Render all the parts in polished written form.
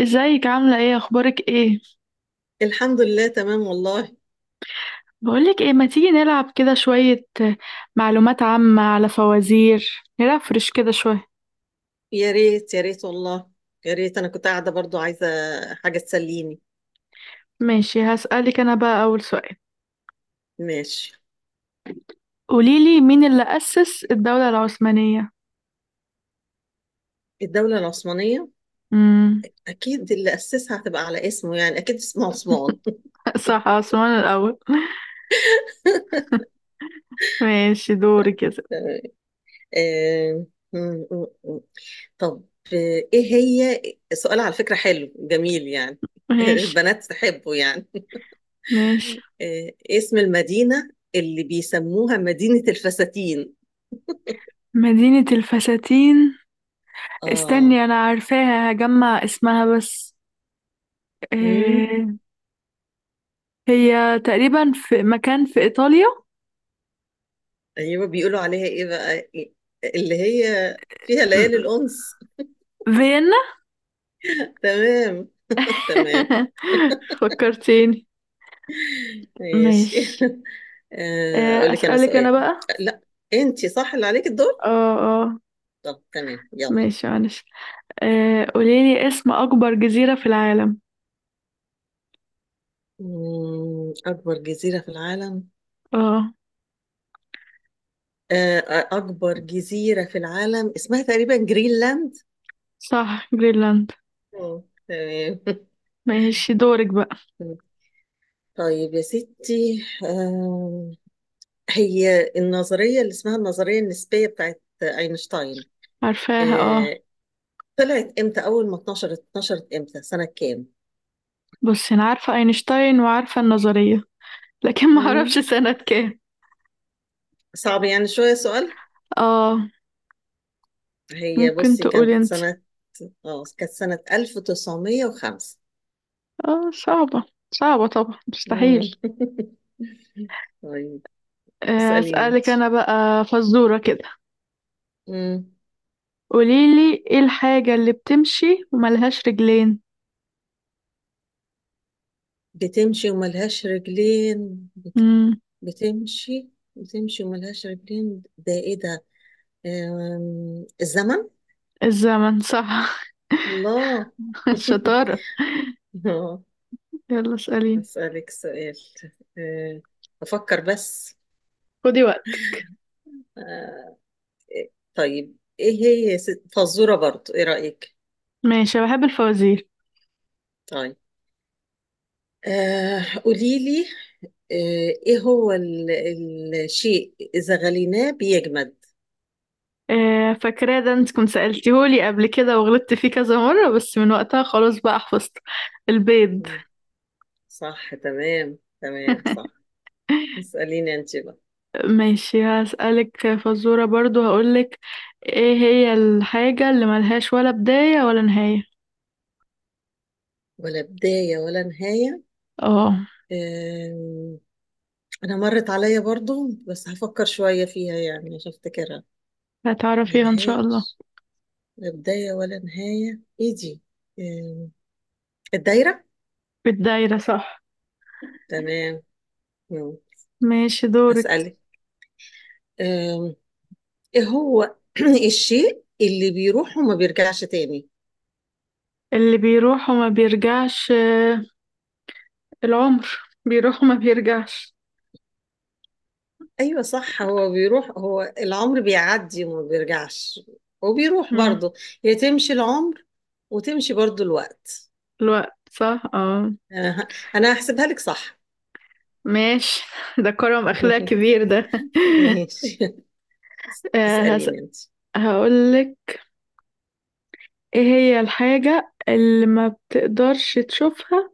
ازيك، عاملة ايه، اخبارك ايه؟ الحمد لله، تمام والله. بقولك ايه، ما تيجي نلعب كده شوية معلومات عامة على فوازير، نرفرش كده شوية. يا ريت، يا ريت والله. يا ريت انا كنت قاعده برضو عايزه حاجه تسليني. ماشي، هسألك انا بقى اول سؤال. ماشي. قوليلي، مين اللي أسس الدولة العثمانية؟ الدوله العثمانيه، امم اكيد اللي اسسها هتبقى على اسمه، يعني اكيد اسمه عثمان. صح، عثمان الاول. ماشي، دوري كده. آه، م- م- م. طب. ايه هي؟ سؤال على فكره حلو جميل يعني. ماشي، البنات تحبه يعني. ماشي. اسم المدينه اللي بيسموها مدينه الفساتين. مدينة الفساتين؟ اه، استني، انا عارفاها، هجمع اسمها بس. إيه. هي تقريبا في مكان في ايطاليا. ايوه، بيقولوا عليها ايه بقى؟ اللي هي فيها ليالي الانس. فيينا. تمام. تمام. فكرتيني. ماشي. ماشي. اقول لك انا أسألك أنا سؤال. بقى. لا، انت صح اللي عليك الدور. اه، اه، طب تمام، يلا. ماشي، معلش. قوليلي اسم أكبر جزيرة في العالم؟ اكبر جزيرة في العالم. اه، آه، اكبر جزيرة في العالم اسمها تقريبا جرينلاند. صح، جرينلاند. مم، تمام. ماشي، دورك بقى. طيب يا ستي. هي النظرية اللي اسمها النظرية النسبية بتاعت اينشتاين، عارفاها، اه. آه، طلعت امتى؟ اول ما اتنشرت امتى، سنة كام؟ بصي، أنا عارفة أينشتاين وعارفة النظرية، لكن ما أعرفش مم. سنة كام. صعب يعني شوية سؤال. اه، هي ممكن بصي، تقولي انت. كانت سنة 1905. اه، صعبة. صعبة طبعا، مستحيل. مم. طيب، اسأليني انت. أسألك أنا بقى فزورة كده. مم. قوليلي، ايه الحاجة اللي بتمشي وملهاش رجلين؟ بتمشي وملهاش رجلين. امم بتمشي بتمشي وملهاش رجلين، ده ايه ده؟ الزمن. الزمن، صح. الله. الشطارة. آه، يلا، اسأليني. أسألك سؤال. آه، أفكر بس. خدي وقت. آه، طيب ايه هي يا ست، فزورة برضو، ايه رأيك؟ ماشي، أنا بحب الفوازير. طيب. قولي لي. آه ايه هو الشيء اذا غليناه بيجمد؟ فاكراه، ده انت كنت سألتيهولي قبل كده وغلطت فيه كذا مرة، بس من وقتها خلاص بقى حفظت. البيض. مم. صح، تمام تمام، صح. اسأليني انت بقى. ماشي، هسألك فزورة برضو، هقولك. ايه هي الحاجة اللي ملهاش ولا بداية ولا نهاية؟ ولا بداية ولا نهاية، اه، آه انا مرت عليا برضو، بس هفكر شوية فيها يعني عشان افتكرها. هتعرفيها ان شاء الله. ملهاش لا بداية ولا نهاية، ايه دي؟ آه الدايرة. بالدايرة، صح. تمام. مم. ماشي، دورك. أسألك، إيه هو الشيء اللي بيروح وما بيرجعش تاني؟ اللي بيروح وما بيرجعش؟ العمر، بيروح وما بيرجعش. ايوه صح، هو بيروح، هو العمر بيعدي وما بيرجعش، وبيروح مم. برضه. هي تمشي العمر، وتمشي برضه الوقت. الوقت، صح، اه. انا ه- انا هحسبها لك صح. ماشي. ده كرم اخلاق كبير ده. ماشي. آه، هس... اسأليني انت. هقولك. ايه هي الحاجة اللي ما بتقدرش تشوفها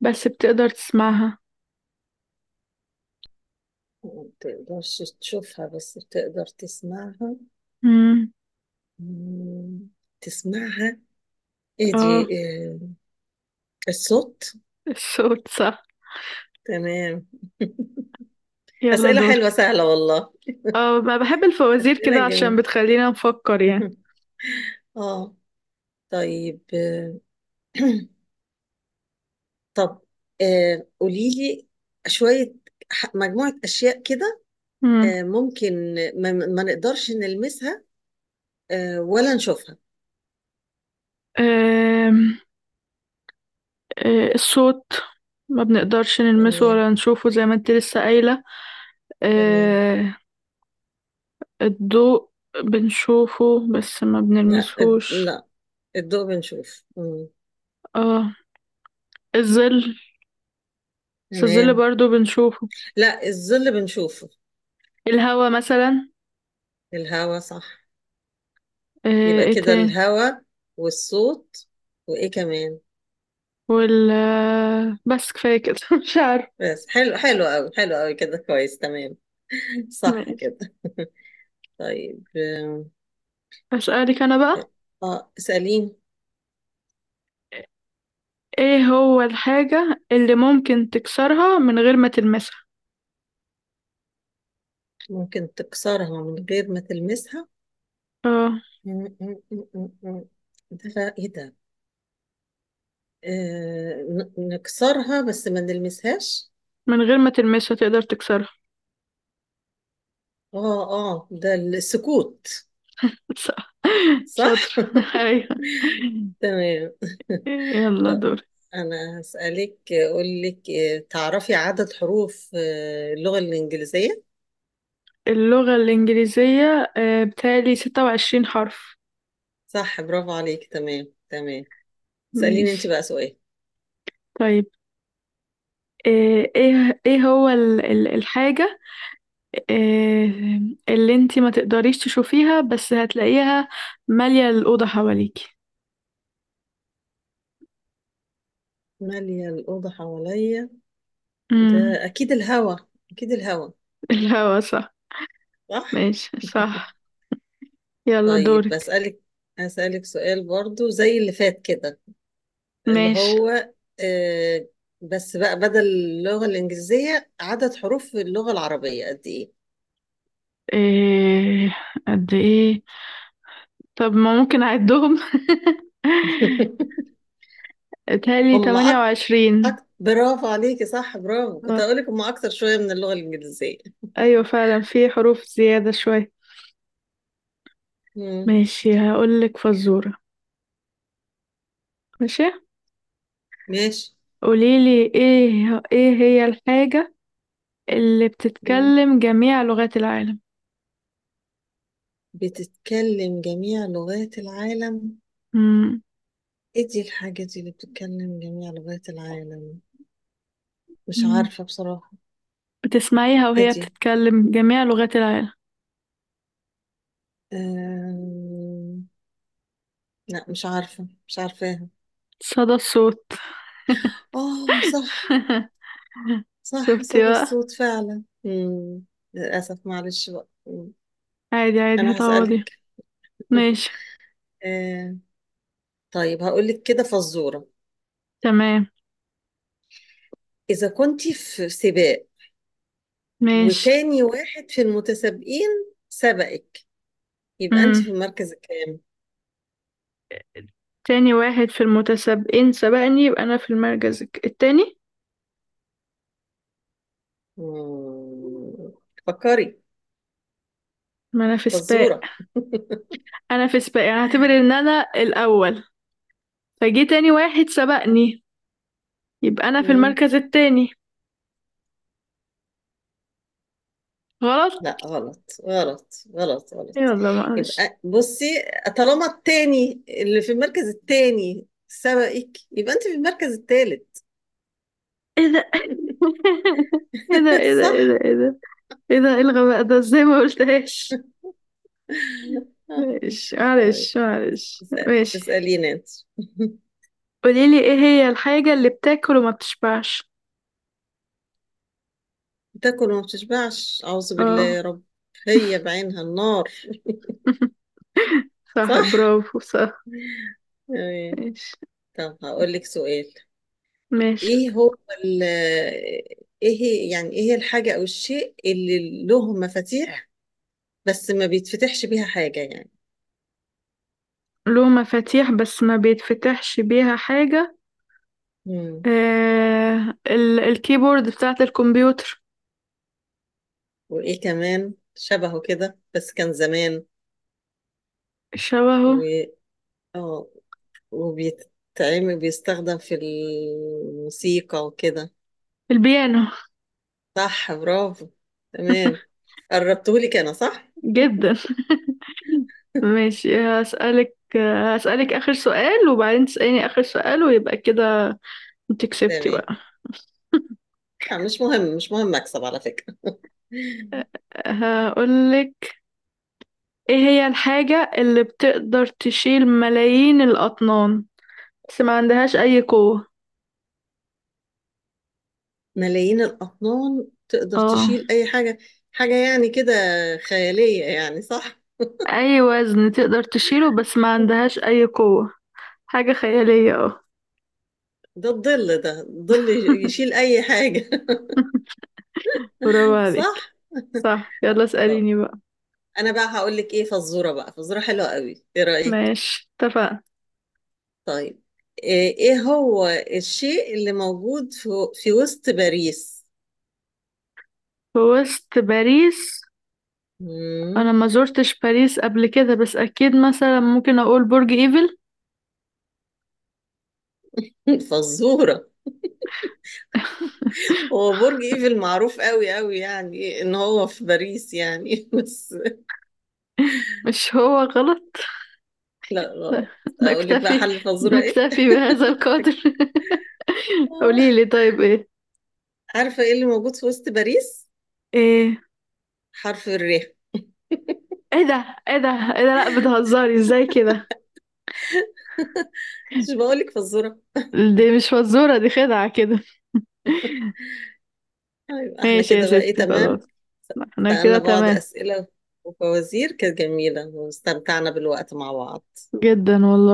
بس بتقدر تسمعها؟ ما تقدرش تشوفها بس بتقدر تسمعها. مم. مم، تسمعها، ايه دي اه، إيه؟ الصوت. الصوت، صح. تمام. يلا أسئلة دورك. حلوة سهلة والله. اه، ما بحب الفوازير أسئلة كده عشان جميلة. بتخلينا نفكر يعني. اه، طيب. طب. قوليلي شوية مجموعة أشياء كده. مم. ممكن ما نقدرش نلمسها، ولا نشوفها. آم، الصوت. ما بنقدرش نلمسه تمام ولا نشوفه، زي ما انت لسه قايلة. تمام. آه، الضوء بنشوفه بس ما لا، بنلمسهوش. لا، الضوء بنشوف. مم. اه، الظل. بس الظل تمام. برضو بنشوفه. لا، الظل بنشوفه. الهوا مثلا. الهوا صح. يبقى ايه كده تاني؟ الهوا، والصوت، وإيه كمان؟ وال آه، بس كفاية كده. مش عارف. بس حلو، حلو قوي، حلو قوي كده، كويس، تمام. صح ماشي. كده. طيب. أسألك أنا بقى. اه، اسأليني. ايه هو الحاجة اللي ممكن تكسرها من غير ما تلمسها؟ ممكن تكسرها من غير ما تلمسها؟ اه. م- م- م- م- م. ده بقى ايه ده؟ نكسرها بس ما نلمسهاش. من غير ما تلمسها تقدر تكسرها؟ اه اه، ده السكوت. صح. صح. شاطر. ايوه. تمام. يلا طب دور. انا هسألك، اقول لك، تعرفي عدد حروف اللغة الإنجليزية؟ اللغة الإنجليزية، بتهيألي 26 حرف. صح، برافو عليك، تمام تمام. اسأليني انت ماشي. بقى سؤال. طيب. آه، ايه هو الحاجة آه، اللي انتي ما تقدريش تشوفيها بس هتلاقيها مالية الأوضة حواليكي؟ مالية الأوضة حواليا، امم ده أكيد الهوا، أكيد الهوا، الهوا، صح. صح؟ ماشي، صح. يلا طيب دورك. بسألك، أسألك سؤال برضو زي اللي فات كده، اللي ماشي. هو، آه بس بقى بدل اللغة الإنجليزية، عدد حروف في اللغة العربية قد إيه؟ إيه؟ قد ايه؟ طب ما ممكن اعدهم. اتهيألي هم أك... 28. برافو عليكي، صح، برافو. كنت آه، هقولك هم أكتر شوية من اللغة الإنجليزية. ايوه، فعلا في حروف زيادة شوية. مم. ماشي، هقولك فزورة. ماشي. ماشي. قوليلي، ايه هي الحاجة اللي مم. بتتكلم جميع لغات العالم؟ بتتكلم جميع لغات العالم. مم. إيه دي الحاجة دي اللي بتتكلم جميع لغات العالم؟ مش مم. عارفة بصراحة. بتسمعيها إيه وهي دي؟ بتتكلم جميع لغات العالم. آم، لا مش عارفة، مش عارفاها. صدى الصوت. اه صح. صح، شفتي صدى بقى؟ الصوت فعلا. مم. للأسف، معلش بقى. مم. عادي، عادي، أنا هتعوضي. هسألك. ماشي. آه. طيب، هقولك كده فزورة. تمام. إذا كنت في سباق، ماشي. وتاني واحد في المتسابقين سبقك، يبقى أنت مم. في المركز الكام؟ تاني واحد في المتسابقين سبقني، يبقى انا في المركز التاني. مم. فكري، ما انا في سباق. فزورة. انا في سباق، يعني هعتبر ان انا الاول. فجي تاني واحد سبقني، يبقى انا في مم. المركز التاني. غلط؟ لا غلط غلط غلط غلط. يلا معلش. يبقى بصي، طالما التاني اللي في المركز التاني سبقك، يبقى انت في المركز التالت. ايه ده، ايه ده، ايه ده، صح. ايه ده، ايه ده، ايه ده! ايه الغباء ده، ازاي ما قلتهاش! ماشي، طيب. معلش، معلش، اسأل- ماشي. اسأليني انت. قوليلي، ايه هي الحاجة اللي بتاكل وما بتشبعش؟ تاكل وما بتشبعش، أعوذ بالله اه. يا رب. هي بعينها النار. صح. صح، برافو، صح. تمام. ماشي. طب هقول لك سؤال. ماشي. ايه هو ال ايه هي يعني ايه هي الحاجة او الشيء اللي له مفاتيح، بس ما بيتفتحش بيها حاجة يعني. له مفاتيح بس ما بيتفتحش بيها حاجة؟ مم. الكيبورد بتاعة الكمبيوتر. وايه كمان شبهه كده، بس كان زمان، و شبهه؟ اه وبيتعمل بيستخدم في الموسيقى وكده. البيانو. صح، برافو. تمام. قربتهولي انا، صح. جدا. ماشي، هسألك. هسألك آخر سؤال، وبعدين تسأليني آخر سؤال، ويبقى كده انت كسبتي تمام. بقى. مش مهم، مش مهم اكسب على فكرة. هقولك. ايه هي الحاجة اللي بتقدر تشيل ملايين الأطنان بس ما عندهاش أي قوة؟ ملايين الأطنان تقدر اه. تشيل أي حاجة. حاجة يعني كده خيالية يعني، صح. أي وزن تقدر تشيله بس ما عندهاش أي قوة. حاجة خيالية، اه. ده الظل، ده الظل يشيل أي حاجة. برافو صح. عليك، صح. يلا، اسأليني بقى. انا بقى هقول لك ايه فزوره بقى، فزوره حلوه قوي، ايه رايك؟ ماشي، اتفقنا. طيب. إيه هو الشيء اللي موجود في وسط باريس؟ في وسط باريس؟ انا مم. ما زرتش باريس قبل كده، بس اكيد مثلا ممكن اقول برج ايفل. فزوره. هو برج ايفل معروف قوي قوي يعني ان هو في باريس يعني. بس مش هو؟ غلط؟ لا، غلط. اقول لك بقى نكتفي. حل الفزوره ايه. نكتفي بهذا القدر. قولي لي، طيب، ايه؟ عارفه ايه اللي موجود في وسط باريس؟ ايه! حرف الر. ايه ده، ايه ده، ايه ده، لا، بتهزري ازاي كده! مش بقول لك فزوره؟ دي مش فزورة، دي خدعة كده. ايوه احنا ماشي يا كده بقى، ايه، ستي، خلاص. تمام. احنا سألنا كده بعض تمام. أسئلة وفوازير كانت جميلة، واستمتعنا بالوقت مع بعض. جدا والله.